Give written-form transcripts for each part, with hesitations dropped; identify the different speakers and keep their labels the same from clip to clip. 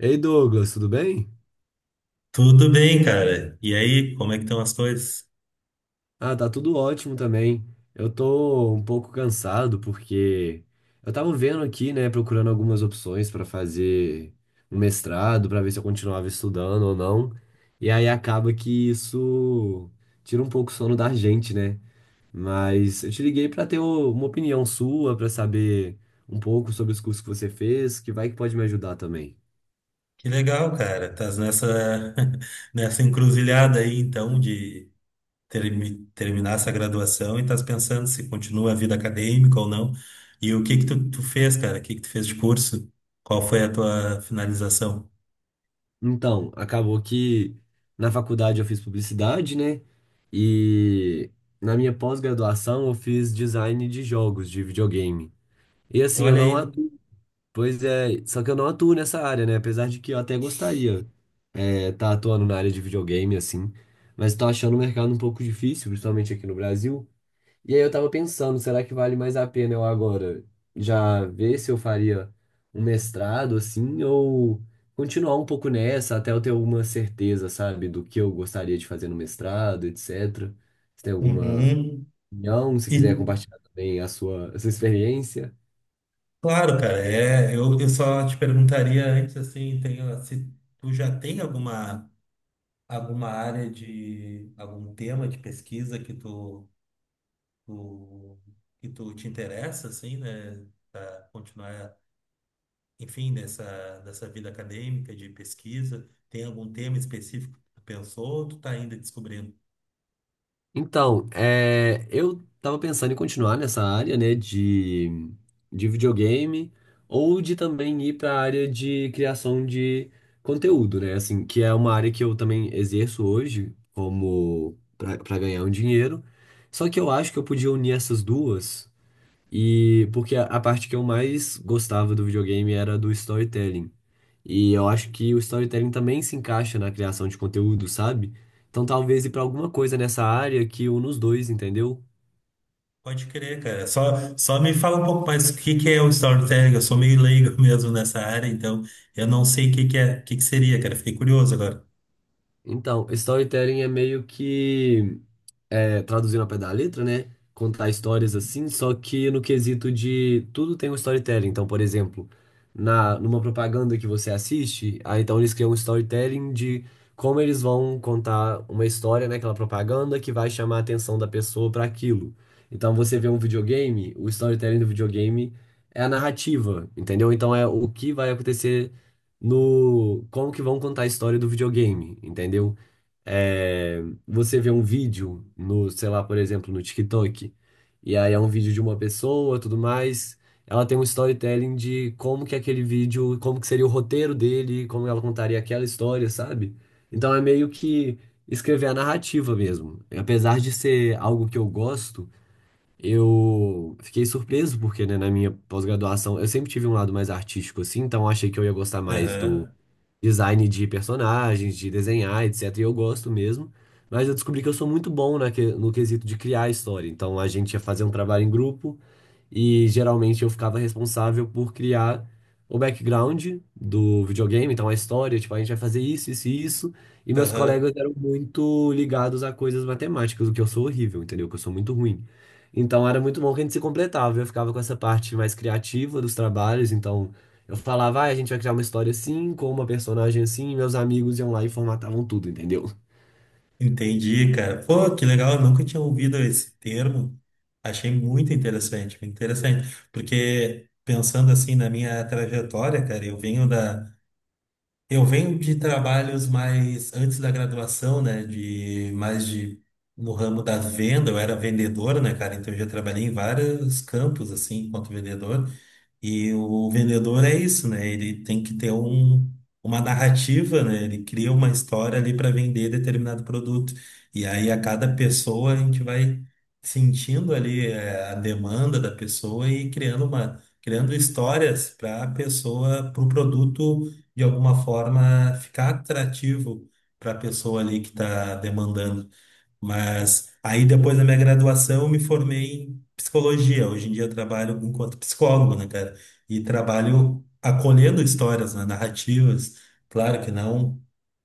Speaker 1: Ei Douglas, tudo bem?
Speaker 2: Tudo bem, cara. E aí, como é que estão as coisas?
Speaker 1: Ah, tá tudo ótimo também. Eu tô um pouco cansado porque eu tava vendo aqui, né, procurando algumas opções pra fazer um mestrado, pra ver se eu continuava estudando ou não. E aí acaba que isso tira um pouco o sono da gente, né? Mas eu te liguei pra ter uma opinião sua, pra saber um pouco sobre os cursos que você fez, que vai que pode me ajudar também.
Speaker 2: Que legal, cara. Estás nessa nessa encruzilhada aí, então, de terminar essa graduação e estás pensando se continua a vida acadêmica ou não. E o que que tu fez, cara? O que que tu fez de curso? Qual foi a tua finalização?
Speaker 1: Então, acabou que na faculdade eu fiz publicidade, né? E na minha pós-graduação eu fiz design de jogos de videogame. E assim, eu
Speaker 2: Olha
Speaker 1: não
Speaker 2: aí.
Speaker 1: atuo, pois é, só que eu não atuo nessa área, né? Apesar de que eu até gostaria tá atuando na área de videogame, assim, mas tô achando o mercado um pouco difícil, principalmente aqui no Brasil. E aí eu tava pensando, será que vale mais a pena eu agora já ver se eu faria um mestrado assim ou continuar um pouco nessa até eu ter alguma certeza, sabe, do que eu gostaria de fazer no mestrado, etc. Se tem alguma
Speaker 2: Uhum.
Speaker 1: opinião, se
Speaker 2: E
Speaker 1: quiser compartilhar também a sua experiência.
Speaker 2: claro, cara, é, eu só te perguntaria antes assim, tem, se tu já tem alguma área de algum tema de pesquisa que tu tu te interessa assim, né, para continuar, enfim, nessa vida acadêmica de pesquisa? Tem algum tema específico que tu pensou ou tu tá ainda descobrindo?
Speaker 1: Então, eu tava pensando em continuar nessa área, né, de videogame, ou de também ir para a área de criação de conteúdo, né, assim, que é uma área que eu também exerço hoje como para ganhar um dinheiro. Só que eu acho que eu podia unir essas duas e porque a parte que eu mais gostava do videogame era do storytelling. E eu acho que o storytelling também se encaixa na criação de conteúdo, sabe? Então talvez ir pra alguma coisa nessa área que une os dois, entendeu?
Speaker 2: Pode crer, cara. Só me fala um pouco mais o que que é o storytelling. Eu sou meio leigo mesmo nessa área, então eu não sei o que que é, o que que seria, cara. Fiquei curioso agora.
Speaker 1: Então, storytelling é meio que traduzindo ao pé da letra, né? Contar histórias assim, só que no quesito de tudo tem um storytelling. Então, por exemplo, numa propaganda que você assiste, aí então eles criam um storytelling de como eles vão contar uma história naquela propaganda que vai chamar a atenção da pessoa para aquilo. Então, você vê um videogame, o storytelling do videogame é a narrativa, entendeu? Então, é o que vai acontecer no. Como que vão contar a história do videogame, entendeu? é, Você vê um vídeo no, sei lá, por exemplo, no TikTok, e aí é um vídeo de uma pessoa, tudo mais, ela tem um storytelling de como que aquele vídeo, como que seria o roteiro dele, como ela contaria aquela história, sabe? Então é meio que escrever a narrativa mesmo. Apesar de ser algo que eu gosto, eu fiquei surpreso porque, né, na minha pós-graduação, eu sempre tive um lado mais artístico, assim, então eu achei que eu ia gostar mais do
Speaker 2: Aham.
Speaker 1: design de personagens, de desenhar, etc. E eu gosto mesmo. Mas eu descobri que eu sou muito bom no quesito de criar a história. Então a gente ia fazer um trabalho em grupo e geralmente eu ficava responsável por criar o background do videogame, então a história, tipo, a gente vai fazer isso, isso e isso. E meus
Speaker 2: Aham.
Speaker 1: colegas eram muito ligados a coisas matemáticas, o que eu sou horrível, entendeu? Que eu sou muito ruim. Então era muito bom que a gente se completava. Eu ficava com essa parte mais criativa dos trabalhos, então eu falava, ah, a gente vai criar uma história assim, com uma personagem assim, e meus amigos iam lá e formatavam tudo, entendeu?
Speaker 2: Entendi, cara. Pô, que legal, eu nunca tinha ouvido esse termo. Achei muito interessante, porque pensando assim na minha trajetória, cara, eu venho da eu venho de trabalhos mais antes da graduação, né, de mais de no ramo da venda, eu era vendedor, né, cara, então eu já trabalhei em vários campos assim, enquanto vendedor. E o vendedor é isso, né? Ele tem que ter um, uma narrativa, né? Ele cria uma história ali para vender determinado produto. E aí a cada pessoa a gente vai sentindo ali a demanda da pessoa e criando uma, criando histórias para a pessoa, para o produto de alguma forma ficar atrativo para a pessoa ali que está demandando. Mas aí depois da minha graduação eu me formei em psicologia. Hoje em dia eu trabalho enquanto psicólogo, né, cara? E trabalho acolhendo histórias, né, narrativas. Claro que não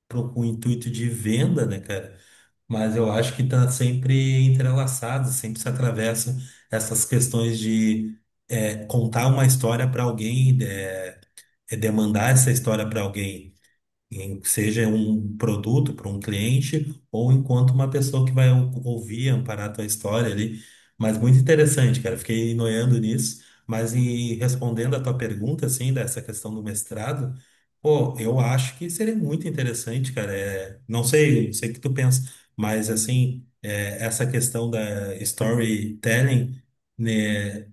Speaker 2: com o intuito de venda, né, cara? Mas eu acho que tá sempre entrelaçado, sempre se atravessa essas questões de contar uma história para alguém, demandar essa história para alguém seja um produto para um cliente ou enquanto uma pessoa que vai ouvir, amparar a tua história ali. Mas muito interessante, cara. Fiquei noiando nisso. Mas e respondendo a tua pergunta, assim, dessa questão do mestrado, pô, eu acho que seria muito interessante, cara. É, não sei, eu sei o que tu pensa, mas assim, é, essa questão da storytelling, né?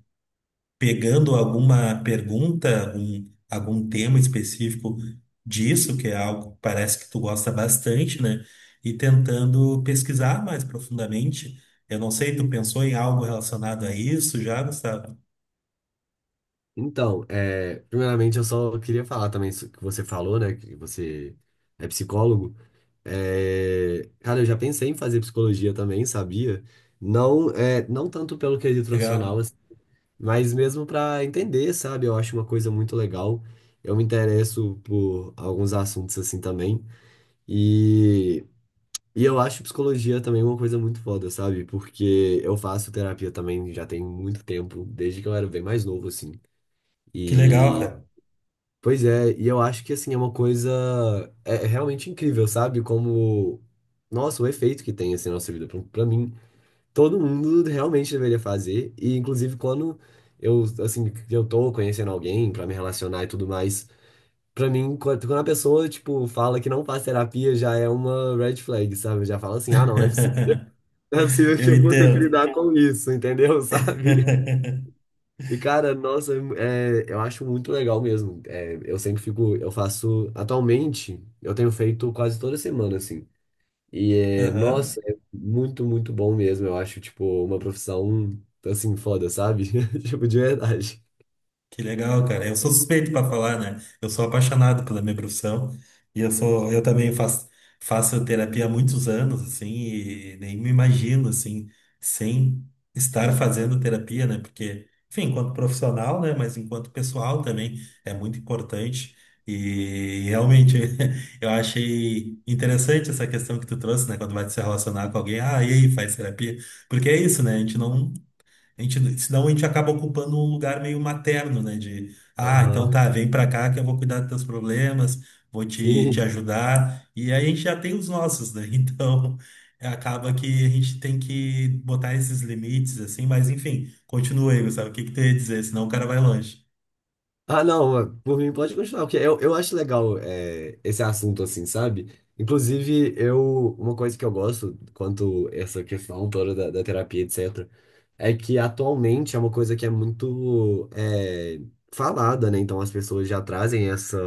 Speaker 2: Pegando alguma pergunta, algum, algum tema específico disso, que é algo que parece que tu gosta bastante, né? E tentando pesquisar mais profundamente. Eu não sei, tu pensou em algo relacionado a isso já, Gustavo?
Speaker 1: Então, primeiramente eu só queria falar também isso que você falou, né? Que você é psicólogo. Cara, eu já pensei em fazer psicologia também, sabia? Não, não tanto pelo quesito profissional,
Speaker 2: Legal.
Speaker 1: assim, mas mesmo para entender, sabe? Eu acho uma coisa muito legal. Eu me interesso por alguns assuntos assim também. E, eu acho psicologia também uma coisa muito foda, sabe? Porque eu faço terapia também já tem muito tempo, desde que eu era bem mais novo, assim.
Speaker 2: Que legal, cara.
Speaker 1: Pois é, e eu acho que assim é uma coisa é realmente incrível, sabe? Como nossa, o efeito que tem assim na nossa vida. Pra mim, todo mundo realmente deveria fazer e inclusive quando eu assim, que eu tô conhecendo alguém pra me relacionar e tudo mais, pra mim quando a pessoa tipo fala que não faz terapia já é uma red flag, sabe? Já fala assim: "Ah, não, não é possível, não é possível
Speaker 2: Eu
Speaker 1: que eu vou ter que
Speaker 2: entendo.
Speaker 1: lidar com isso", entendeu? Sabe? E, cara, nossa, eu acho muito legal mesmo. Eu sempre fico, eu faço, atualmente, eu tenho feito quase toda semana, assim. E, é,
Speaker 2: Aham.
Speaker 1: nossa, é muito, muito bom mesmo. Eu acho, tipo, uma profissão, assim, foda, sabe? Tipo, de verdade.
Speaker 2: Que legal, cara. Eu sou suspeito para falar, né? Eu sou apaixonado pela minha profissão e eu sou, eu também faço, faço terapia há muitos anos, assim, e nem me imagino, assim, sem estar fazendo terapia, né? Porque, enfim, enquanto profissional, né? Mas enquanto pessoal também é muito importante. E realmente eu achei interessante essa questão que tu trouxe, né? Quando vai se relacionar com alguém, ah, e aí, faz terapia? Porque é isso, né? A gente não a gente, senão a gente acaba ocupando um lugar meio materno, né? De, ah, então
Speaker 1: Aham.
Speaker 2: tá, vem pra cá que eu vou cuidar dos teus problemas, vou te
Speaker 1: Sim.
Speaker 2: ajudar. E aí a gente já tem os nossos, né? Então acaba que a gente tem que botar esses limites, assim, mas enfim, continua aí, sabe? O que que tu ia dizer? Senão o cara vai longe.
Speaker 1: Ah, não, por mim pode continuar, porque eu acho legal esse assunto, assim, sabe? Inclusive, uma coisa que eu gosto quanto essa questão toda da terapia, etc. é que atualmente é uma coisa que é muito falada, né? Então as pessoas já trazem essa,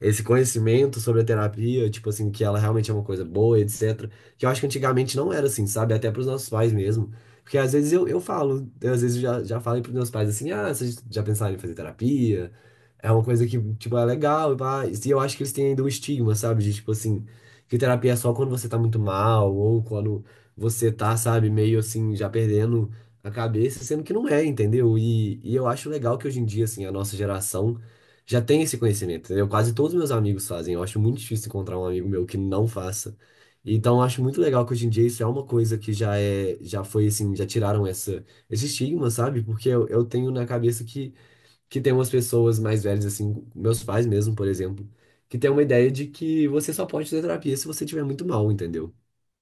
Speaker 1: esse conhecimento sobre a terapia, tipo assim, que ela realmente é uma coisa boa, etc. Que eu acho que antigamente não era assim, sabe? Até pros nossos pais mesmo. Porque às vezes eu falo, eu, às vezes já falei pros meus pais assim, ah, vocês já pensaram em fazer terapia? É uma coisa que, tipo, é legal, e pá. E eu acho que eles têm ainda um estigma, sabe? De, tipo assim, que terapia é só quando você tá muito mal, ou quando você tá, sabe, meio assim, já perdendo a cabeça, sendo que não é, entendeu? E, eu acho legal que hoje em dia, assim, a nossa geração já tem esse conhecimento, entendeu? Quase todos os meus amigos fazem. Eu acho muito difícil encontrar um amigo meu que não faça. Então, eu acho muito legal que hoje em dia isso é uma coisa que já é, já foi assim, já tiraram essa, esse estigma, sabe? Porque eu tenho na cabeça que tem umas pessoas mais velhas, assim, meus pais mesmo, por exemplo, que tem uma ideia de que você só pode fazer terapia se você estiver muito mal, entendeu?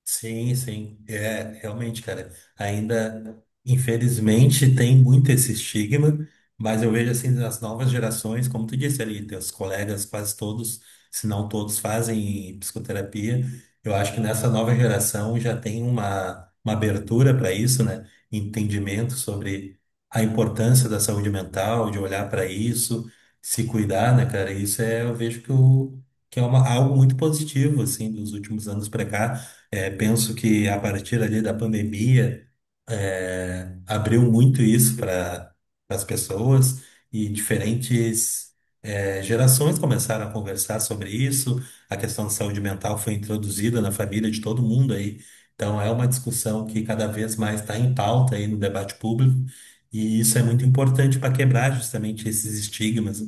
Speaker 2: Sim, sim, é realmente, cara. Ainda, infelizmente, tem muito esse estigma, mas eu vejo assim nas novas gerações, como tu disse ali, teus colegas, quase todos, se não todos, fazem psicoterapia. Eu acho que nessa nova geração já tem uma abertura para isso, né? Entendimento sobre a importância da saúde mental, de olhar para isso, se cuidar, né, cara? Isso é, eu vejo que, o, que é uma, algo muito positivo, assim, dos últimos anos para cá penso que a partir ali da pandemia, abriu muito isso para as pessoas e diferentes gerações começaram a conversar sobre isso. A questão de saúde mental foi introduzida na família de todo mundo aí. Então é uma discussão que cada vez mais está em pauta aí no debate público e isso é muito importante para quebrar justamente esses estigmas.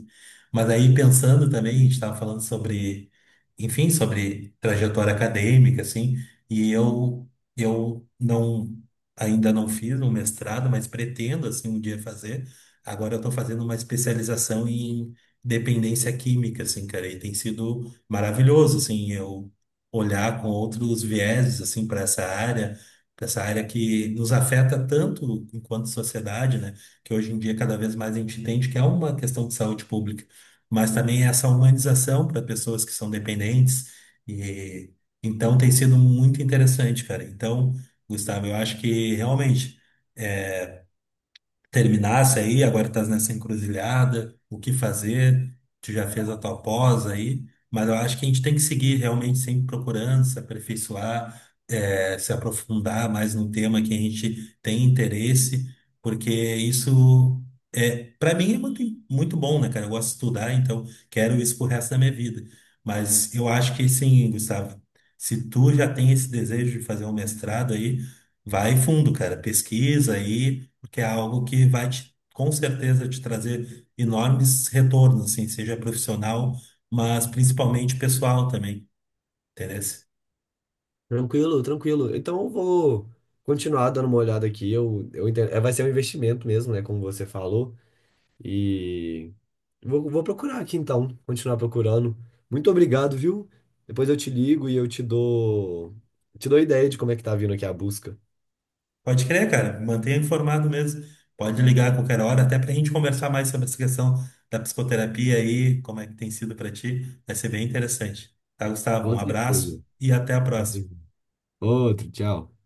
Speaker 2: Mas aí pensando também, a gente estava falando sobre, enfim, sobre trajetória acadêmica, assim, e eu não ainda não fiz um mestrado, mas pretendo assim um dia fazer. Agora eu estou fazendo uma especialização em dependência química, assim, cara, e tem sido maravilhoso, assim, eu olhar com outros vieses assim para essa área que nos afeta tanto enquanto sociedade, né? Que hoje em dia cada vez mais a gente entende que é uma questão de saúde pública, mas também essa humanização para pessoas que são dependentes e então tem sido muito interessante, cara. Então Gustavo, eu acho que realmente terminasse aí, agora estás nessa encruzilhada, o que fazer, tu já fez a tua pós aí, mas eu acho que a gente tem que seguir realmente sempre procurando se aperfeiçoar, se aprofundar mais num tema que a gente tem interesse, porque isso para mim é muito, muito bom, né, cara? Eu gosto de estudar, então quero isso pro resto da minha vida. Mas eu acho que sim, Gustavo, se tu já tem esse desejo de fazer um mestrado aí, vai fundo, cara, pesquisa aí, porque é algo que vai te, com certeza te trazer enormes retornos, assim, seja profissional, mas principalmente pessoal também, entendeu?
Speaker 1: Tranquilo, tranquilo. Então eu vou continuar dando uma olhada aqui. Eu entendo. Vai ser um investimento mesmo, né? Como você falou. E vou procurar aqui então, continuar procurando. Muito obrigado, viu? Depois eu te ligo e eu te dou ideia de como é que tá vindo aqui a busca.
Speaker 2: Pode crer, cara, mantenha informado mesmo. Pode ligar a qualquer hora, até para a gente conversar mais sobre essa questão da psicoterapia aí, como é que tem sido para ti. Vai ser bem interessante. Tá, Gustavo?
Speaker 1: Com
Speaker 2: Um
Speaker 1: certeza.
Speaker 2: abraço e até a
Speaker 1: Com
Speaker 2: próxima.
Speaker 1: certeza. Outro, tchau.